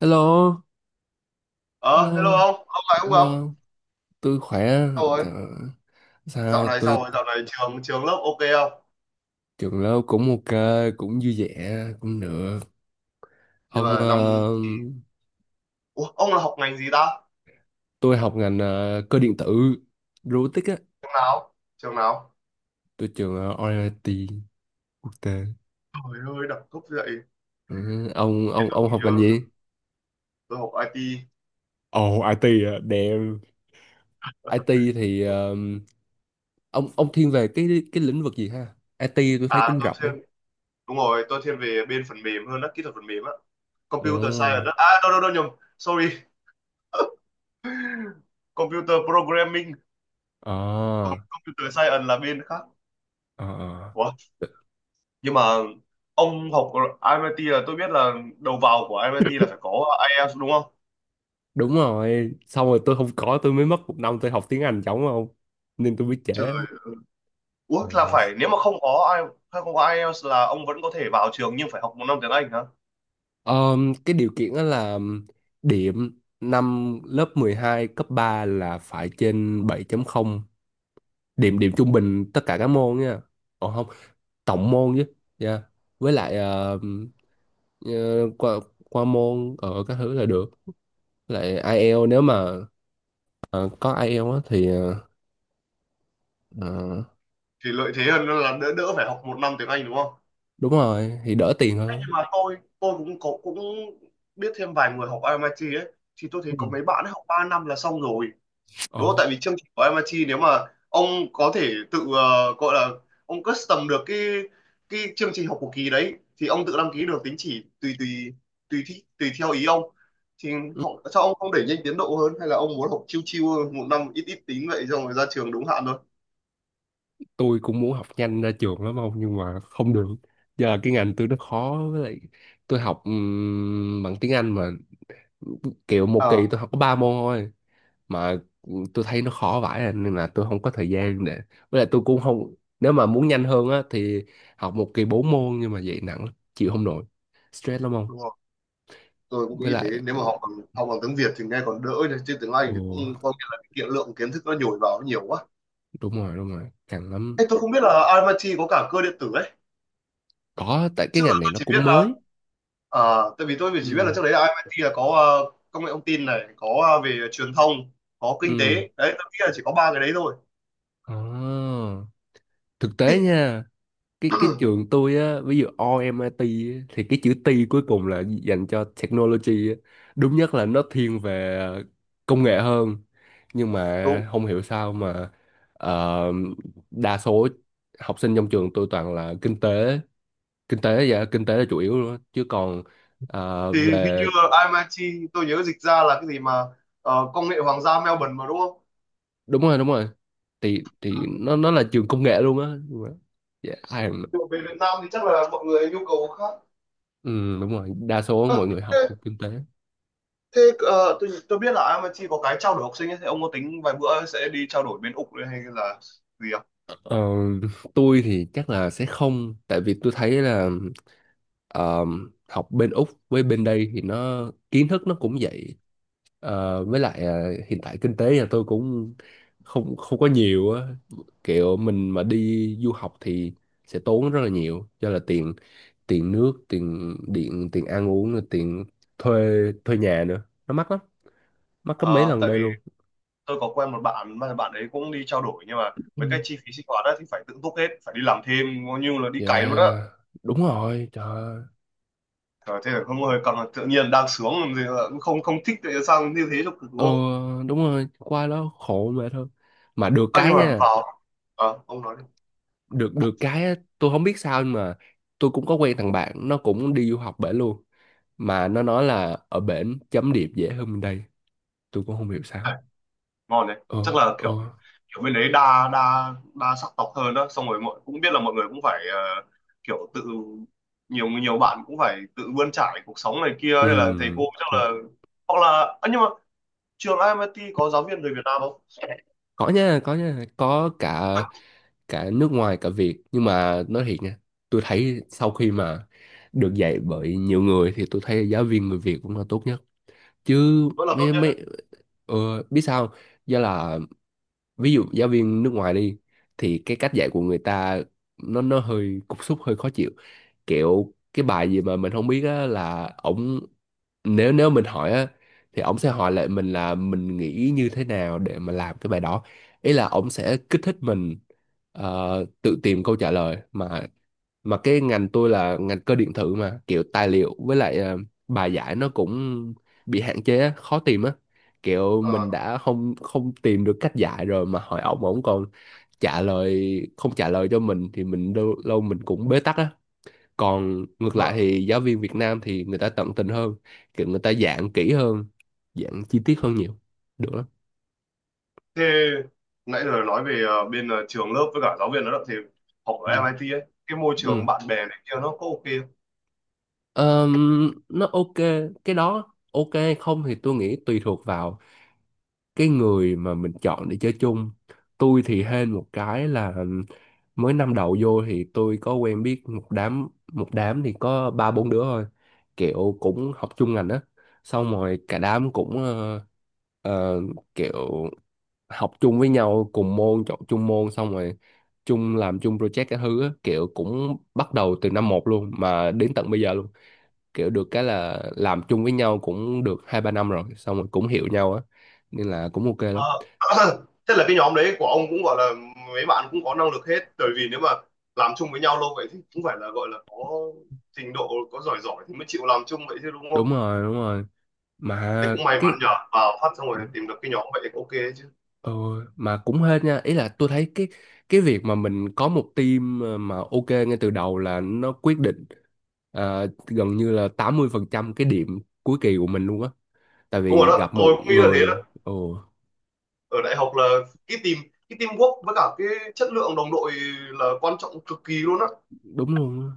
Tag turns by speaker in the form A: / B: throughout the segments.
A: Hello,
B: Ờ, hello
A: hello,
B: ông lại không gặp?
A: hello, tôi khỏe,
B: Sao rồi?
A: trời ơi,
B: Dạo
A: sao
B: này
A: tôi
B: sao rồi? Dạo này trường trường lớp ok không?
A: trường lớp cũng ok, cũng vui vẻ, cũng được.
B: Nhưng
A: Ông,
B: mà năm
A: ờ,
B: thì Ủa, ông là học ngành gì ta?
A: tôi học ngành cơ điện tử, robotics á,
B: Trường nào? Trường nào?
A: tôi trường RIT quốc tế.
B: Trời ơi, đẳng cấp vậy.
A: Ừ, ông,
B: Để
A: ông,
B: Tôi
A: ông học ngành
B: nhớ
A: gì?
B: Tôi học IT.
A: Ồ, IT à, damn. IT thì ông thiên về cái lĩnh vực gì ha? IT tôi thấy
B: À,
A: cũng
B: tôi
A: rộng á.
B: thiên đúng rồi, tôi thiên về bên phần mềm hơn đó, kỹ thuật phần mềm á. Computer
A: Ồ,
B: science đó. À, đâu đâu đâu nhầm. Sorry. Computer programming, còn
A: à,
B: computer science là bên khác.
A: à.
B: Ủa? Nhưng mà ông học MIT là tôi biết là đầu vào của MIT là phải có IELTS đúng không?
A: Đúng rồi, xong rồi tôi không có tôi mới mất một năm tôi học tiếng Anh chống không nên tôi biết trễ.
B: Trời, ủa là
A: Ừ.
B: phải nếu mà không có ai hay không có IELTS là ông vẫn có thể vào trường nhưng phải học một năm tiếng Anh hả?
A: Cái điều kiện đó là điểm năm lớp 12 cấp 3 là phải trên 7.0, điểm điểm trung bình tất cả các môn nha. Ồ không, tổng môn chứ, yeah. Với lại ờ, qua qua môn ở các thứ là được. Với lại IELTS nếu mà ờ, có IELTS á thì ờ,
B: Thì lợi thế hơn là đỡ đỡ phải học một năm tiếng Anh đúng không?
A: đúng rồi thì đỡ tiền
B: Thế
A: hơn.
B: nhưng mà tôi cũng biết thêm vài người học MIT ấy, thì tôi
A: Ừ.
B: thấy có mấy bạn ấy học 3 năm là xong rồi đúng không?
A: Ồ,
B: Tại vì chương trình của MIT nếu mà ông có thể tự gọi là ông custom được cái chương trình học của kỳ đấy, thì ông tự đăng ký được tín chỉ tùy tùy tùy thi, tùy theo ý ông. Thì họ Sao ông không đẩy nhanh tiến độ hơn hay là ông muốn học chiêu chiêu một năm ít ít tín vậy xong rồi ra trường đúng hạn thôi?
A: tôi cũng muốn học nhanh ra trường lắm ông, nhưng mà không được. Giờ là cái ngành tôi nó khó, với lại tôi học bằng tiếng Anh mà kiểu một
B: À,
A: kỳ tôi học có ba môn thôi. Mà tôi thấy nó khó vãi à, nên là tôi không có thời gian để, với lại tôi cũng không, nếu mà muốn nhanh hơn á thì học một kỳ bốn môn nhưng mà vậy nặng lắm, chịu không nổi, stress lắm không.
B: đúng rồi, tôi cũng
A: Với
B: nghĩ thế.
A: lại
B: Nếu mà học bằng tiếng Việt thì nghe còn đỡ nhỉ, chứ tiếng Anh
A: ồ,
B: thì cũng có nghĩa là cái kiện lượng kiến thức nó nhồi vào nó nhiều quá.
A: đúng rồi, đúng rồi căng lắm.
B: Ê, tôi không biết là MIT có cả cơ điện tử ấy.
A: Có, tại cái
B: Trước giờ
A: ngành này
B: tôi
A: nó
B: chỉ biết
A: cũng
B: là...
A: mới.
B: Ờ, tại vì tôi chỉ biết là
A: Ừ,
B: trước đấy là IIT là có công nghệ thông tin này, có về truyền thông, có kinh tế.
A: ừ,
B: Đấy, tôi nghĩ là chỉ có ba cái đấy thôi.
A: à, thực
B: Ê,
A: tế nha. Cái trường tôi á ví dụ RMIT á, thì cái chữ T cuối cùng là dành cho technology á. Đúng nhất là nó thiên về công nghệ hơn, nhưng
B: đúng.
A: mà không hiểu sao mà ờ, đa số học sinh trong trường tôi toàn là kinh tế. Kinh tế, dạ kinh tế là chủ yếu luôn á. Chứ còn
B: Thì hình như
A: về
B: là IIT tôi nhớ dịch ra là cái gì mà công nghệ hoàng gia Melbourne mà đúng không?
A: đúng rồi, đúng rồi thì nó là trường công nghệ luôn á. Nhưng mà- dạ ai mà-
B: Nhưng mà về Việt Nam thì chắc là mọi người nhu cầu khác.
A: ừ, đúng rồi đa số mọi
B: Ờ,
A: người
B: thế
A: học kinh tế.
B: thế tôi biết là IIT có cái trao đổi học sinh ấy, thì ông có tính vài bữa sẽ đi trao đổi bên Úc hay là gì không?
A: Ờ, tôi thì chắc là sẽ không, tại vì tôi thấy là ờ, học bên Úc với bên đây thì nó kiến thức nó cũng vậy. Ờ, với lại hiện tại kinh tế nhà tôi cũng không không có nhiều á, kiểu mình mà đi du học thì sẽ tốn rất là nhiều do là tiền tiền nước, tiền điện, tiền ăn uống rồi tiền thuê thuê nhà nữa, nó mắc lắm, mắc gấp mấy
B: Ờ,
A: lần
B: Tại
A: đây
B: vì
A: luôn.
B: tôi có quen một bạn mà bạn ấy cũng đi trao đổi, nhưng mà
A: Ừ.
B: mấy cái chi phí sinh hoạt á thì phải tự túc hết, phải đi làm thêm coi như là đi cày luôn á.
A: Yeah, đúng rồi, trời ơi.
B: Trời, thế là không, hơi cầm tự nhiên đang sướng làm gì mà cũng không không thích, tại sao như thế cho cực đúng
A: Ờ
B: không?
A: đúng rồi, qua đó khổ mà thôi. Mà được
B: À, nhưng
A: cái
B: mà
A: nha,
B: vào À, ông nói đi.
A: được được cái á, tôi không biết sao nhưng mà tôi cũng có quen thằng bạn nó cũng đi du học bển luôn, mà nó nói là ở bển chấm điểm dễ hơn bên đây. Tôi cũng không hiểu sao.
B: À, ngon đấy, chắc
A: Ờ,
B: là
A: ờ,
B: kiểu kiểu bên đấy đa đa đa sắc tộc hơn đó, xong rồi mọi cũng biết là mọi người cũng phải kiểu tự nhiều nhiều bạn cũng phải tự bươn trải cuộc sống này kia,
A: ừ.
B: hay là thầy cô chắc
A: Ừ.
B: là hoặc là... À, nhưng mà trường IMIT có giáo viên người Việt Nam không?
A: Có nha, có nha, có cả cả nước ngoài cả Việt, nhưng mà nói thiệt nha, tôi thấy sau khi mà được dạy bởi nhiều người thì tôi thấy giáo viên người Việt cũng là tốt nhất. Chứ
B: Vẫn là tốt
A: mấy mấy
B: nhất.
A: ờ, biết sao không? Do là ví dụ giáo viên nước ngoài đi thì cái cách dạy của người ta nó hơi cục súc, hơi khó chịu, kiểu cái bài gì mà mình không biết á là ổng, nếu nếu mình hỏi á thì ổng sẽ hỏi lại mình là mình nghĩ như thế nào để mà làm cái bài đó. Ý là ổng sẽ kích thích mình ờ, tự tìm câu trả lời mà cái ngành tôi là ngành cơ điện tử mà kiểu tài liệu với lại bài giải nó cũng bị hạn chế á, khó tìm á, kiểu
B: Ờ,
A: mình đã không không tìm được cách giải rồi mà hỏi ổng ổng còn trả lời không trả lời cho mình thì mình lâu, lâu mình cũng bế tắc á. Còn ngược lại
B: mà
A: thì giáo viên Việt Nam thì người ta tận tình hơn, kiểu người ta dạng kỹ hơn, dạng chi tiết hơn nhiều, được lắm.
B: thế nãy giờ nói về bên trường lớp với cả giáo viên nó đó, thì học ở
A: Ừ.
B: MIT ấy, cái môi trường
A: Ừ.
B: bạn bè này kia nó có ok không?
A: Nó ok, cái đó ok, không thì tôi nghĩ tùy thuộc vào cái người mà mình chọn để chơi chung. Tôi thì hên một cái là mới năm đầu vô thì tôi có quen biết một đám, thì có ba bốn đứa thôi, kiểu cũng học chung ngành á, xong rồi cả đám cũng ờ, kiểu học chung với nhau cùng môn, chọn chung môn, xong rồi làm chung project cái thứ á, kiểu cũng bắt đầu từ năm một luôn mà đến tận bây giờ luôn. Kiểu được cái là làm chung với nhau cũng được hai ba năm rồi, xong rồi cũng hiểu nhau á, nên là cũng ok lắm.
B: Ờ, thế là cái nhóm đấy của ông cũng gọi là mấy bạn cũng có năng lực hết, bởi vì nếu mà làm chung với nhau lâu vậy thì cũng phải là gọi là có trình độ, có giỏi giỏi thì mới chịu làm chung vậy chứ đúng
A: Đúng
B: không?
A: rồi, đúng rồi
B: Thế
A: mà
B: cũng may mắn
A: cái
B: nhờ vào phát xong rồi tìm được cái nhóm vậy thì ok đấy chứ.
A: ừ, mà cũng hên nha, ý là tôi thấy cái việc mà mình có một team mà ok ngay từ đầu là nó quyết định à, gần như là 80% cái điểm cuối kỳ của mình luôn á, tại
B: Đúng rồi
A: vì
B: đó,
A: gặp một
B: tôi cũng nghĩ là thế đó.
A: người. Ồ
B: Ở đại học là cái tìm cái teamwork với cả cái chất lượng đồng đội là quan trọng cực kỳ luôn á.
A: đúng luôn á.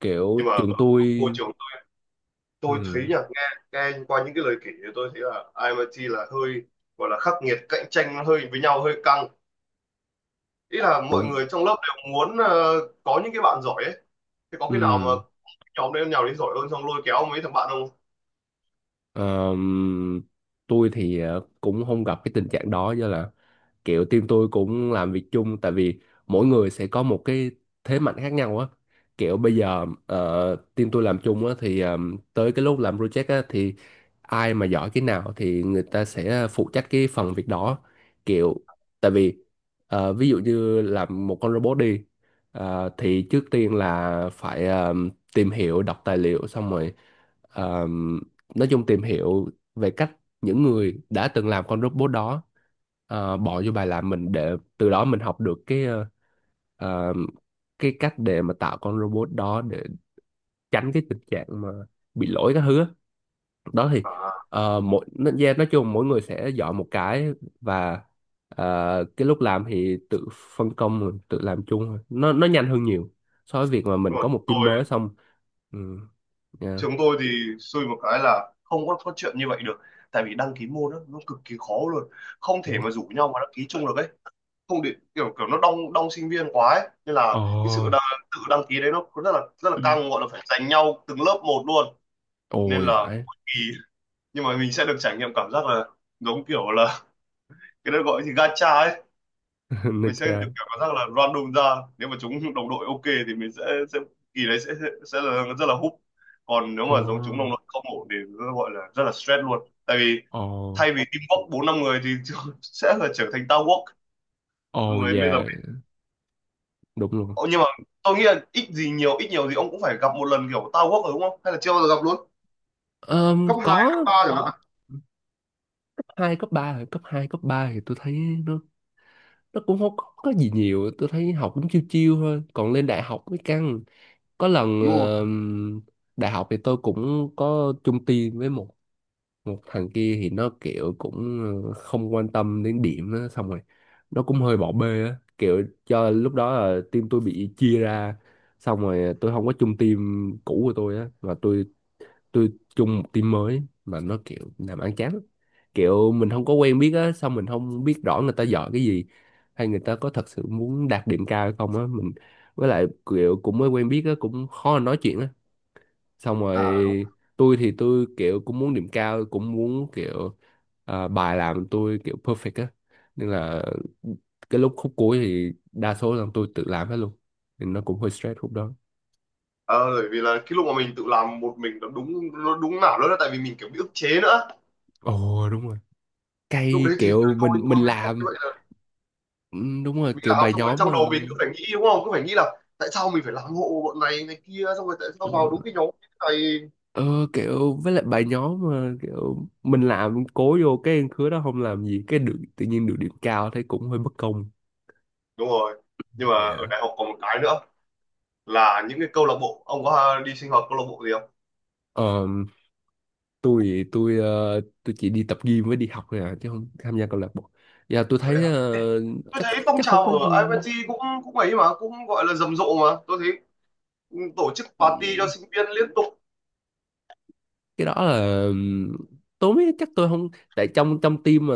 A: Kiểu
B: Nhưng mà
A: trường tôi,
B: môi trường tôi thấy
A: ừ,
B: nhỉ, nghe nghe qua những cái lời kể thì tôi thấy là ai IMIT là hơi gọi là khắc nghiệt, cạnh tranh nó hơi với nhau hơi căng, ý là mọi
A: đúng.
B: người trong lớp đều muốn có những cái bạn giỏi ấy. Thế có khi nào mà
A: Ừ.
B: nhóm đấy nhào đến giỏi hơn xong lôi kéo mấy thằng bạn không?
A: ờm, tôi thì cũng không gặp cái tình trạng đó do là kiểu team tôi cũng làm việc chung, tại vì mỗi người sẽ có một cái thế mạnh khác nhau á. Kiểu bây giờ team tôi làm chung á thì tới cái lúc làm project á thì ai mà giỏi cái nào thì người ta sẽ phụ trách cái phần việc đó, kiểu, tại vì ví dụ như làm một con robot đi, thì trước tiên là phải tìm hiểu đọc tài liệu xong rồi ờ, nói chung tìm hiểu về cách những người đã từng làm con robot đó, bỏ vô bài làm mình để từ đó mình học được cái ờ, cái cách để mà tạo con robot đó để tránh cái tình trạng mà bị lỗi các thứ á. Đó thì
B: À,
A: yeah, nói chung mỗi người sẽ giỏi một cái và cái lúc làm thì tự phân công rồi, tự làm chung thôi. Nó nhanh hơn nhiều so với việc mà
B: đúng
A: mình
B: rồi.
A: có một team mới xong. Ừ, yeah.
B: Trường tôi thì xui một cái là không có chuyện như vậy được, tại vì đăng ký môn đó, nó cực kỳ khó luôn, không thể
A: Ủa?
B: mà rủ nhau mà đăng ký chung được ấy, không để kiểu kiểu nó đông đông sinh viên quá ấy. Nên là
A: Ờ.
B: cái sự tự đăng ký đấy nó rất là căng, gọi là phải giành nhau từng lớp một luôn. Nên
A: Ôi
B: là
A: phải.
B: mỗi kỳ, nhưng mà mình sẽ được trải nghiệm cảm giác là giống kiểu là cái đó gọi gì gacha ấy,
A: Nó
B: mình sẽ được kiểu
A: cha.
B: cảm giác là random ra. Nếu mà chúng đồng đội ok thì mình sẽ kỳ đấy sẽ là rất là húp, còn nếu
A: Ồ.
B: mà giống chúng đồng đội không ổn thì nó gọi là rất là stress luôn, tại vì
A: Ồ.
B: thay vì teamwork bốn năm người thì sẽ là trở thành towerwork lúc
A: Ồ,
B: đấy bây giờ.
A: dạ. Đúng luôn.
B: Ồ, nhưng mà tôi nghĩ là ít gì nhiều, ít nhiều gì ông cũng phải gặp một lần kiểu tao quốc rồi đúng không? Hay là chưa bao giờ gặp luôn? Cấp 2 cấp
A: Có.
B: ba chẳng hạn.
A: Cấp 2 cấp 3 thì tôi thấy nó nó cũng không có gì nhiều, tôi thấy học cũng chiêu chiêu thôi, còn lên đại học mới căng. Có lần
B: Đúng rồi.
A: đại học thì tôi cũng có chung team với một một thằng kia thì nó kiểu cũng không quan tâm đến điểm á, xong rồi nó cũng hơi bỏ bê á, kiểu cho lúc đó là team tôi bị chia ra, xong rồi tôi không có chung team cũ của tôi á mà tôi chung một team mới mà nó kiểu làm ăn chán lắm. Kiểu mình không có quen biết á, xong mình không biết rõ người ta giỏi cái gì hay người ta có thật sự muốn đạt điểm cao hay không á mình, với lại kiểu cũng mới quen biết á cũng khó nói chuyện á, xong rồi
B: À, đúng.
A: tôi thì tôi kiểu cũng muốn điểm cao, cũng muốn kiểu à, bài làm tôi kiểu perfect á, nên là cái lúc khúc cuối thì đa số là tôi tự làm hết luôn, nên nó cũng hơi stress khúc đó.
B: Ờ, bởi vì là cái lúc mà mình tự làm một mình nó đúng, nó đúng nào đó là tại vì mình kiểu bị ức chế nữa.
A: Ồ đúng rồi,
B: Lúc
A: cay
B: đấy thì tôi
A: kiểu mình
B: tôi
A: mình
B: mới không
A: làm.
B: như vậy là
A: Ừ, đúng rồi
B: mình
A: kiểu
B: làm
A: bài
B: xong rồi
A: nhóm mà.
B: trong đầu mình cứ phải nghĩ đúng không? Cứ phải nghĩ là tại sao mình phải làm hộ bọn này này kia, xong rồi tại sao
A: Đúng
B: vào
A: rồi.
B: đúng cái nhóm này.
A: ờ Kiểu với lại bài nhóm mà kiểu mình làm cố vô cái khứa đó không làm gì cái được tự nhiên được điểm cao thấy cũng hơi bất công.
B: Đúng rồi. Nhưng mà ở
A: Dạ.
B: đại học còn một cái nữa là những cái câu lạc bộ, ông có đi sinh hoạt câu lạc bộ gì không?
A: ờ tôi chỉ đi tập gym với đi học thôi à, chứ không tham gia câu lạc bộ. Dạ tôi
B: Vậy
A: thấy
B: tôi
A: chắc,
B: thấy phong
A: không
B: trào
A: có
B: ở IPT cũng cũng ấy mà, cũng gọi là rầm rộ, mà tôi thấy tổ chức party cho
A: gì-
B: sinh viên liên tục.
A: Cái đó là tôi mới chắc tôi không, tại trong trong team mà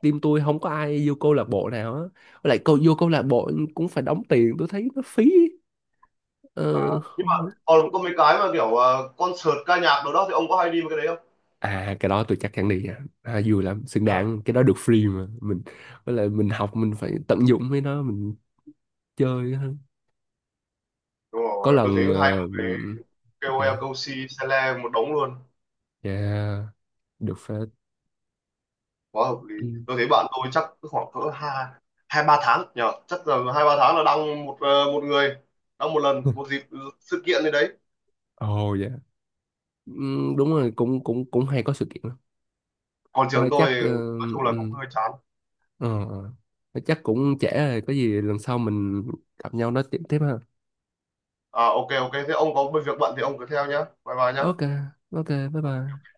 A: team tôi không có ai vô câu lạc bộ nào á. Với lại vô câu lạc bộ cũng phải đóng tiền, tôi thấy nó phí.
B: À,
A: Ờ,
B: nhưng mà
A: không-
B: còn có mấy cái mà kiểu à, concert ca nhạc đâu đó thì ông có hay đi mấy cái đấy không?
A: à cái đó tôi chắc chắn đi nha, à vui lắm, xứng
B: À.
A: đáng, cái đó được free mà mình, với lại mình học mình phải tận dụng với nó mình chơi hơn.
B: Đúng
A: Có
B: rồi, tôi thấy
A: lần
B: hay một cái KOL
A: dạ,
B: Cosi Sele một đống luôn,
A: dạ, được phép.
B: quá hợp lý. Tôi thấy bạn tôi chắc khoảng cỡ hai hai ba tháng nhờ, chắc là hai ba tháng là đăng một một người đăng một lần,
A: Ừ.
B: một dịp sự kiện gì đấy.
A: Ồ, dạ. Ừ, đúng rồi cũng cũng cũng hay có sự kiện lắm.
B: Còn trường
A: Thôi
B: tôi
A: chắc
B: nói chung là cũng
A: ừ,
B: hơi chán.
A: ờ, ờ. Thôi chắc cũng trễ rồi, có gì lần sau mình gặp nhau nói chuyện tiếp ha.
B: À, ok ok, thế ông có việc bận thì ông cứ theo nhá, bye bye nhá.
A: Ok ok, bye bye.